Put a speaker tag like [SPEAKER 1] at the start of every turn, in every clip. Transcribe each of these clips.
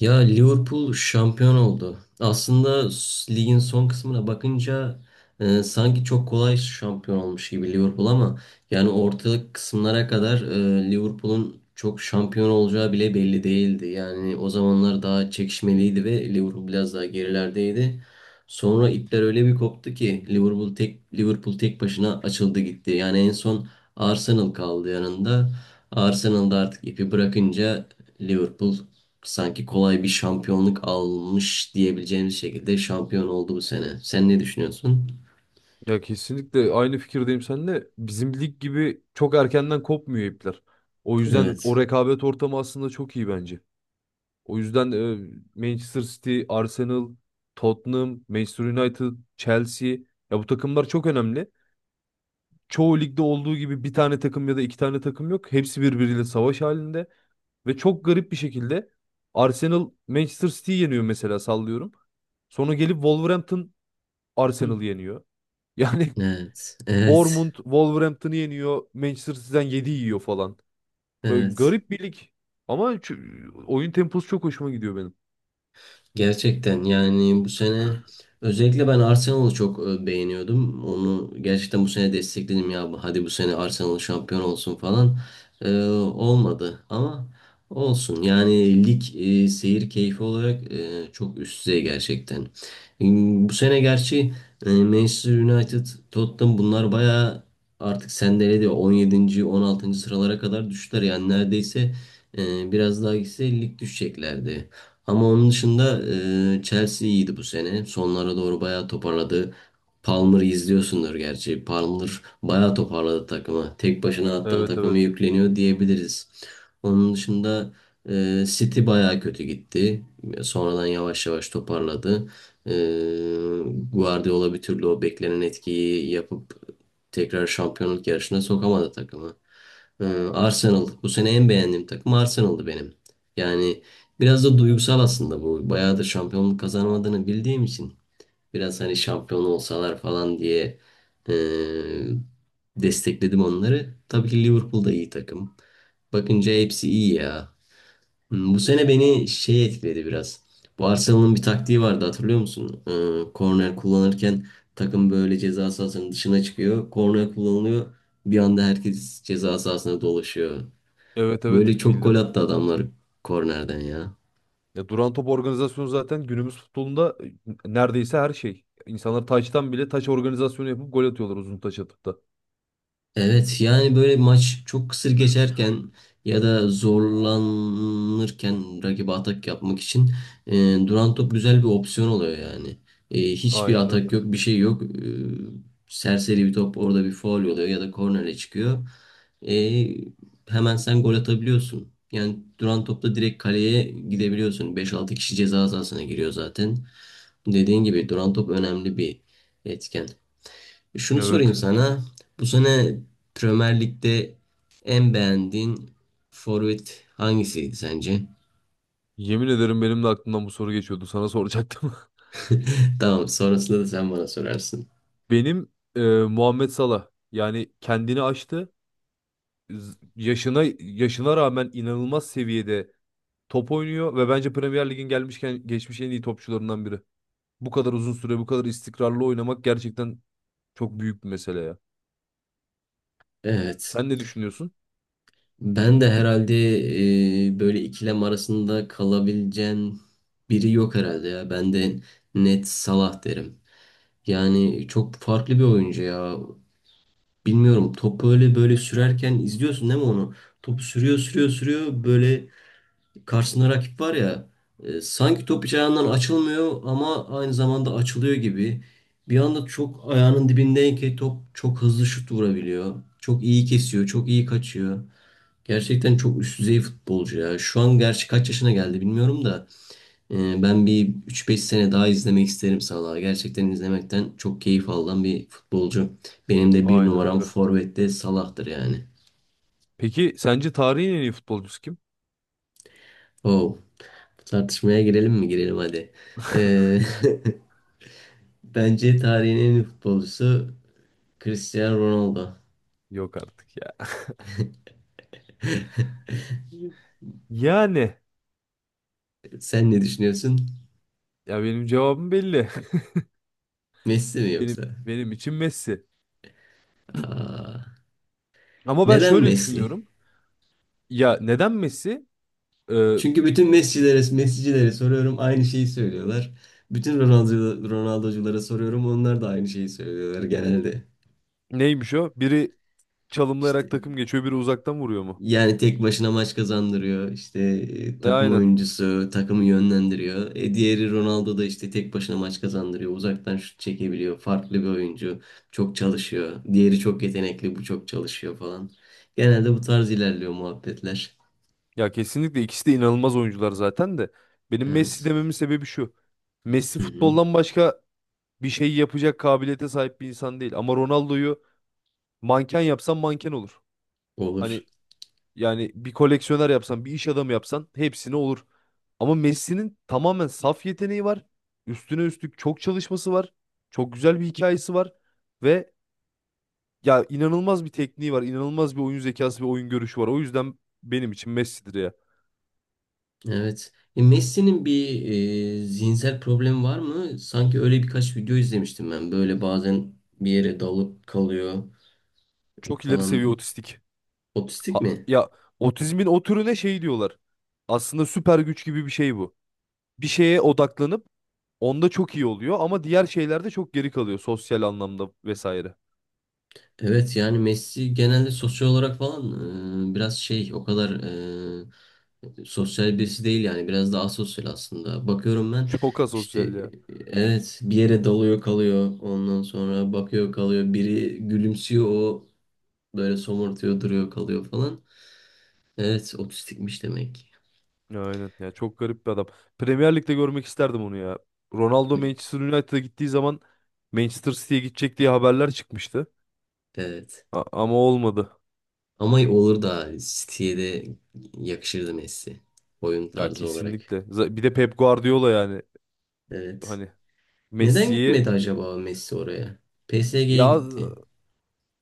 [SPEAKER 1] Ya Liverpool şampiyon oldu. Aslında ligin son kısmına bakınca sanki çok kolay şampiyon olmuş gibi Liverpool ama yani ortalık kısımlara kadar Liverpool'un çok şampiyon olacağı bile belli değildi. Yani o zamanlar daha çekişmeliydi ve Liverpool biraz daha gerilerdeydi. Sonra ipler öyle bir koptu ki Liverpool tek başına açıldı gitti. Yani en son Arsenal kaldı yanında. Arsenal da artık ipi bırakınca Liverpool sanki kolay bir şampiyonluk almış diyebileceğimiz şekilde şampiyon oldu bu sene. Sen ne düşünüyorsun?
[SPEAKER 2] Ya kesinlikle aynı fikirdeyim seninle. Bizim lig gibi çok erkenden kopmuyor ipler. O yüzden o
[SPEAKER 1] Evet.
[SPEAKER 2] rekabet ortamı aslında çok iyi bence. O yüzden Manchester City, Arsenal, Tottenham, Manchester United, Chelsea ya bu takımlar çok önemli. Çoğu ligde olduğu gibi bir tane takım ya da iki tane takım yok. Hepsi birbiriyle savaş halinde ve çok garip bir şekilde Arsenal Manchester City'yi yeniyor mesela sallıyorum. Sonra gelip Wolverhampton
[SPEAKER 1] Hı.
[SPEAKER 2] Arsenal'ı yeniyor. Yani
[SPEAKER 1] Evet. Evet.
[SPEAKER 2] Bournemouth Wolverhampton'ı yeniyor. Manchester City'den 7 yiyor falan. Böyle
[SPEAKER 1] Evet.
[SPEAKER 2] garip bir lig. Ama oyun temposu çok hoşuma gidiyor benim.
[SPEAKER 1] Gerçekten yani bu sene özellikle ben Arsenal'ı çok beğeniyordum. Onu gerçekten bu sene destekledim ya. Hadi bu sene Arsenal şampiyon olsun falan. Olmadı ama olsun. Yani lig seyir keyfi olarak çok üst düzey gerçekten. Bu sene gerçi Manchester United, Tottenham bunlar bayağı artık sendeledi. 17. 16. sıralara kadar düştüler. Yani neredeyse biraz daha gitse lig düşeceklerdi. Ama onun dışında Chelsea iyiydi bu sene. Sonlara doğru bayağı toparladı. Palmer'ı izliyorsundur gerçi. Palmer bayağı toparladı takımı. Tek başına hatta
[SPEAKER 2] Evet
[SPEAKER 1] takımı
[SPEAKER 2] evet.
[SPEAKER 1] yükleniyor diyebiliriz. Onun dışında City bayağı kötü gitti. Sonradan yavaş yavaş toparladı. E, Guardiola bir türlü o beklenen etkiyi yapıp tekrar şampiyonluk yarışına sokamadı takımı. Ee, Arsenal bu sene en beğendiğim takım Arsenal'dı benim. Yani biraz da duygusal aslında bu. Bayağıdır şampiyonluk kazanamadığını bildiğim için biraz hani şampiyon olsalar falan diye e, destekledim onları. Tabii ki Liverpool da iyi takım. Bakınca hepsi iyi ya. Bu sene beni şey etkiledi biraz. Bu Arsenal'ın bir taktiği vardı hatırlıyor musun? Korner kullanırken takım böyle ceza sahasının dışına çıkıyor. Korner kullanılıyor. Bir anda herkes ceza sahasına dolaşıyor.
[SPEAKER 2] Evet
[SPEAKER 1] Böyle
[SPEAKER 2] evet
[SPEAKER 1] çok gol
[SPEAKER 2] bildim.
[SPEAKER 1] attı adamlar kornerden ya.
[SPEAKER 2] Ya duran top organizasyonu zaten günümüz futbolunda neredeyse her şey. İnsanlar taçtan bile taç organizasyonu yapıp gol atıyorlar uzun taç atıp da.
[SPEAKER 1] Evet, yani böyle maç çok kısır geçerken ya da zorlanırken rakibe atak yapmak için duran top güzel bir opsiyon oluyor yani. Hiçbir
[SPEAKER 2] Aynen öyle.
[SPEAKER 1] atak yok, bir şey yok. Serseri bir top orada, bir faul oluyor ya da kornere çıkıyor. E, Hemen sen gol atabiliyorsun. Yani duran topla direkt kaleye gidebiliyorsun. Beş altı kişi ceza sahasına giriyor zaten. Dediğin gibi duran top önemli bir etken. Şunu sorayım
[SPEAKER 2] Evet.
[SPEAKER 1] sana. Bu sene Premier Lig'de en beğendiğin forvet hangisiydi sence?
[SPEAKER 2] Yemin ederim benim de aklımdan bu soru geçiyordu. Sana soracaktım.
[SPEAKER 1] Tamam, sonrasında da sen bana sorarsın.
[SPEAKER 2] Benim Muhammed Salah yani kendini aştı. Yaşına rağmen inanılmaz seviyede top oynuyor ve bence Premier Lig'in gelmişken geçmiş en iyi topçularından biri. Bu kadar uzun süre, bu kadar istikrarlı oynamak gerçekten çok büyük bir mesele ya.
[SPEAKER 1] Evet.
[SPEAKER 2] Sen ne düşünüyorsun?
[SPEAKER 1] Ben de herhalde böyle ikilem arasında kalabileceğin biri yok herhalde ya. Ben de net Salah derim. Yani çok farklı bir oyuncu ya. Bilmiyorum, top böyle böyle sürerken izliyorsun değil mi onu? Topu sürüyor sürüyor sürüyor böyle, karşısında rakip var ya, sanki top hiç ayağından açılmıyor ama aynı zamanda açılıyor gibi. Bir anda çok ayağının dibindeyken ki top çok hızlı şut vurabiliyor. Çok iyi kesiyor, çok iyi kaçıyor. Gerçekten çok üst düzey futbolcu ya. Şu an gerçi kaç yaşına geldi bilmiyorum da ben bir üç beş sene daha izlemek isterim Salah'ı. Gerçekten izlemekten çok keyif alan bir futbolcu. Benim de bir
[SPEAKER 2] Aynen
[SPEAKER 1] numaram
[SPEAKER 2] öyle.
[SPEAKER 1] forvette Salah'tır yani.
[SPEAKER 2] Peki sence tarihin en iyi futbolcusu kim?
[SPEAKER 1] Oh, tartışmaya girelim mi? Girelim hadi. E, Bence tarihin en iyi futbolcusu Cristiano Ronaldo.
[SPEAKER 2] Yok artık ya. Yani
[SPEAKER 1] Sen ne düşünüyorsun?
[SPEAKER 2] ya benim cevabım belli.
[SPEAKER 1] Messi mi yoksa?
[SPEAKER 2] Benim için Messi.
[SPEAKER 1] Aa,
[SPEAKER 2] Ama ben
[SPEAKER 1] neden
[SPEAKER 2] şöyle
[SPEAKER 1] Messi?
[SPEAKER 2] düşünüyorum. Ya neden Messi? Ee,
[SPEAKER 1] Çünkü bütün Messi'lere, Messi'cilere soruyorum aynı şeyi söylüyorlar. Bütün Ronaldo, Ronaldo'culara soruyorum onlar da aynı şeyi söylüyorlar genelde.
[SPEAKER 2] neymiş o? Biri
[SPEAKER 1] İşte
[SPEAKER 2] çalımlayarak takım geçiyor, biri uzaktan vuruyor mu?
[SPEAKER 1] yani tek başına maç kazandırıyor. İşte takım
[SPEAKER 2] Aynen.
[SPEAKER 1] oyuncusu, takımı yönlendiriyor. Diğeri Ronaldo da işte tek başına maç kazandırıyor. Uzaktan şut çekebiliyor. Farklı bir oyuncu. Çok çalışıyor. Diğeri çok yetenekli, bu çok çalışıyor falan. Genelde bu tarz ilerliyor muhabbetler.
[SPEAKER 2] Ya kesinlikle ikisi de inanılmaz oyuncular zaten de. Benim Messi
[SPEAKER 1] Evet.
[SPEAKER 2] dememin sebebi şu. Messi
[SPEAKER 1] Hı hı.
[SPEAKER 2] futboldan başka bir şey yapacak kabiliyete sahip bir insan değil. Ama Ronaldo'yu manken yapsan manken olur.
[SPEAKER 1] Olur.
[SPEAKER 2] Hani yani bir koleksiyoner yapsan, bir iş adamı yapsan hepsine olur. Ama Messi'nin tamamen saf yeteneği var. Üstüne üstlük çok çalışması var. Çok güzel bir hikayesi var. Ve ya inanılmaz bir tekniği var. İnanılmaz bir oyun zekası ve oyun görüşü var. O yüzden benim için Messi'dir ya.
[SPEAKER 1] Evet. Messi'nin bir zihinsel problemi var mı? Sanki öyle birkaç video izlemiştim ben. Böyle bazen bir yere dalıp kalıyor
[SPEAKER 2] Çok ileri seviye
[SPEAKER 1] falan.
[SPEAKER 2] otistik.
[SPEAKER 1] Otistik
[SPEAKER 2] Ha-
[SPEAKER 1] mi?
[SPEAKER 2] ya otizmin o türüne şey diyorlar. Aslında süper güç gibi bir şey bu. Bir şeye odaklanıp onda çok iyi oluyor ama diğer şeylerde çok geri kalıyor sosyal anlamda vesaire.
[SPEAKER 1] Evet, yani Messi genelde sosyal olarak falan biraz şey o kadar sosyal birisi değil yani biraz daha asosyal aslında. Bakıyorum ben
[SPEAKER 2] Çok
[SPEAKER 1] işte
[SPEAKER 2] asosyal ya.
[SPEAKER 1] evet, bir yere dalıyor kalıyor ondan sonra bakıyor kalıyor, biri gülümsüyor, o böyle somurtuyor duruyor kalıyor falan. Evet, otistikmiş demek.
[SPEAKER 2] Ya aynen ya çok garip bir adam. Premier Lig'de görmek isterdim onu ya. Ronaldo Manchester United'a gittiği zaman Manchester City'ye gidecek diye haberler çıkmıştı.
[SPEAKER 1] Evet,
[SPEAKER 2] Ama olmadı.
[SPEAKER 1] ama olur da City'ye de yakışırdı Messi, oyun
[SPEAKER 2] Ya
[SPEAKER 1] tarzı olarak.
[SPEAKER 2] kesinlikle. Bir de Pep Guardiola yani
[SPEAKER 1] Evet.
[SPEAKER 2] hani
[SPEAKER 1] Neden
[SPEAKER 2] Messi'yi
[SPEAKER 1] gitmedi acaba Messi oraya? PSG'ye
[SPEAKER 2] ya
[SPEAKER 1] gitti.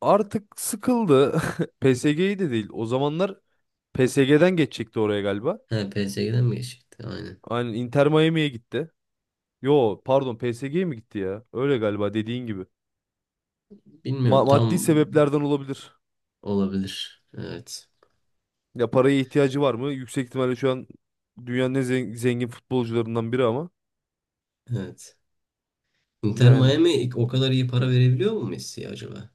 [SPEAKER 2] artık sıkıldı. PSG'yi de değil. O zamanlar PSG'den geçecekti oraya galiba.
[SPEAKER 1] He, PSG'den mi geçecekti? Aynen.
[SPEAKER 2] Aynen Inter Miami'ye gitti. Yo pardon PSG'ye mi gitti ya? Öyle galiba dediğin gibi.
[SPEAKER 1] Bilmiyorum.
[SPEAKER 2] Maddi
[SPEAKER 1] Tam
[SPEAKER 2] sebeplerden olabilir.
[SPEAKER 1] olabilir. Evet.
[SPEAKER 2] Ya paraya ihtiyacı var mı? Yüksek ihtimalle şu an dünyanın en zengin futbolcularından biri ama.
[SPEAKER 1] Evet. Inter
[SPEAKER 2] Yani.
[SPEAKER 1] Miami o kadar iyi para verebiliyor mu Messi acaba?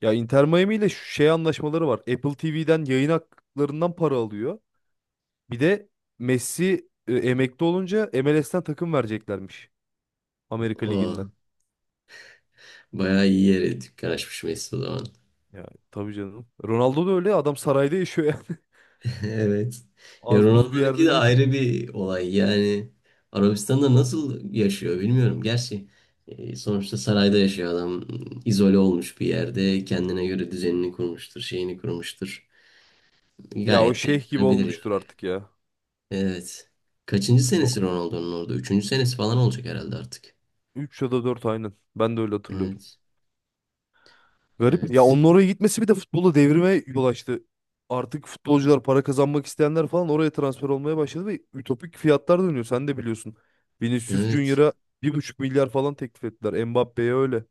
[SPEAKER 2] Ya Inter Miami ile şu şey anlaşmaları var. Apple TV'den yayın haklarından para alıyor. Bir de Messi emekli olunca MLS'ten takım vereceklermiş. Amerika Ligi'nden.
[SPEAKER 1] O bayağı iyi yere dükkan açmış Messi o zaman.
[SPEAKER 2] Ya tabii canım. Ronaldo da öyle ya, adam sarayda yaşıyor yani.
[SPEAKER 1] Evet. Ya
[SPEAKER 2] Az buz bir
[SPEAKER 1] Ronaldo'nunki
[SPEAKER 2] yerde
[SPEAKER 1] de
[SPEAKER 2] değil.
[SPEAKER 1] ayrı bir olay. Yani Arabistan'da nasıl yaşıyor bilmiyorum. Gerçi sonuçta sarayda yaşıyor adam. İzole olmuş bir yerde. Kendine göre düzenini kurmuştur, şeyini kurmuştur.
[SPEAKER 2] Ya o
[SPEAKER 1] Gayet de
[SPEAKER 2] şeyh gibi
[SPEAKER 1] yaşanabilir.
[SPEAKER 2] olmuştur artık ya.
[SPEAKER 1] Evet. Kaçıncı
[SPEAKER 2] Bu
[SPEAKER 1] senesi Ronaldo'nun orada? Üçüncü senesi falan olacak herhalde artık.
[SPEAKER 2] 3 ya da 4 aynen. Ben de öyle hatırlıyorum.
[SPEAKER 1] Evet.
[SPEAKER 2] Garip. Ya
[SPEAKER 1] Evet.
[SPEAKER 2] onun oraya gitmesi bir de futbolu devrime yol açtı. Artık futbolcular para kazanmak isteyenler falan oraya transfer olmaya başladı ve ütopik fiyatlar dönüyor. Sen de biliyorsun. Vinicius
[SPEAKER 1] Evet.
[SPEAKER 2] Junior'a 1,5 milyar falan teklif ettiler. Mbappe'ye öyle.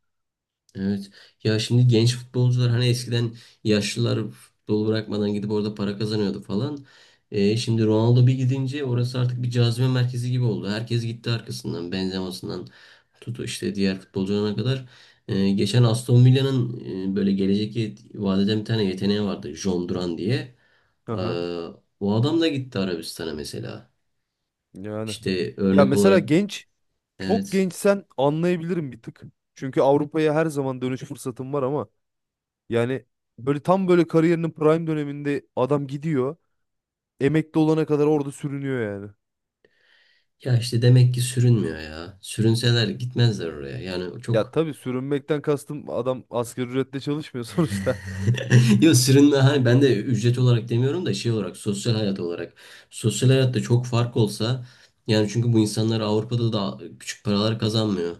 [SPEAKER 1] Evet. Ya şimdi genç futbolcular hani eskiden yaşlılar futbol bırakmadan gidip orada para kazanıyordu falan. Şimdi Ronaldo bir gidince orası artık bir cazibe merkezi gibi oldu. Herkes gitti arkasından. Benzema'sından tut işte diğer futbolcularına kadar. Geçen Aston Villa'nın böyle gelecek vadeden bir tane yeteneği vardı. John Duran diye. Ee,
[SPEAKER 2] Aha.
[SPEAKER 1] O adam da gitti Arabistan'a mesela.
[SPEAKER 2] Yani.
[SPEAKER 1] İşte
[SPEAKER 2] Ya
[SPEAKER 1] örnek
[SPEAKER 2] mesela
[SPEAKER 1] olarak
[SPEAKER 2] genç çok
[SPEAKER 1] evet.
[SPEAKER 2] gençsen anlayabilirim bir tık. Çünkü Avrupa'ya her zaman dönüş fırsatım var ama yani böyle tam böyle kariyerinin prime döneminde adam gidiyor. Emekli olana kadar orada sürünüyor yani.
[SPEAKER 1] Ya işte demek ki sürünmüyor ya. Sürünseler gitmezler oraya. Yani
[SPEAKER 2] Ya
[SPEAKER 1] çok
[SPEAKER 2] tabii sürünmekten kastım adam asgari ücretle çalışmıyor sonuçta.
[SPEAKER 1] yok sırrında, hani ben de ücret olarak demiyorum da şey olarak, sosyal hayat olarak. Sosyal hayatta çok fark olsa yani, çünkü bu insanlar Avrupa'da da küçük paralar kazanmıyor.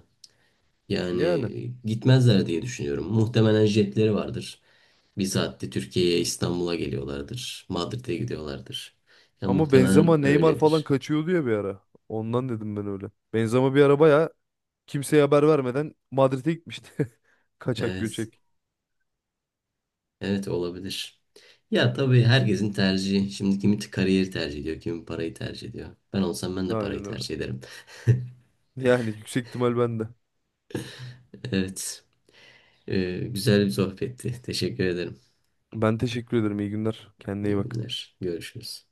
[SPEAKER 2] Yani
[SPEAKER 1] Yani gitmezler diye düşünüyorum. Muhtemelen jetleri vardır. Bir saatte Türkiye'ye, İstanbul'a geliyorlardır. Madrid'e gidiyorlardır. Ya
[SPEAKER 2] ama Benzema
[SPEAKER 1] muhtemelen
[SPEAKER 2] Neymar falan
[SPEAKER 1] öyledir.
[SPEAKER 2] kaçıyordu ya bir ara. Ondan dedim ben öyle. Benzema bir ara bayağı kimseye haber vermeden Madrid'e gitmişti. Kaçak
[SPEAKER 1] Evet.
[SPEAKER 2] göçek.
[SPEAKER 1] Evet, olabilir. Ya tabii, herkesin tercihi. Şimdi kimi kariyeri tercih ediyor, kimi parayı tercih ediyor. Ben olsam ben de parayı
[SPEAKER 2] Aynen öyle.
[SPEAKER 1] tercih ederim.
[SPEAKER 2] Yani yüksek ihtimal bende.
[SPEAKER 1] Evet. Güzel bir sohbetti. Teşekkür ederim.
[SPEAKER 2] Ben teşekkür ederim. İyi günler. Kendine iyi
[SPEAKER 1] İyi
[SPEAKER 2] bak.
[SPEAKER 1] günler. Görüşürüz.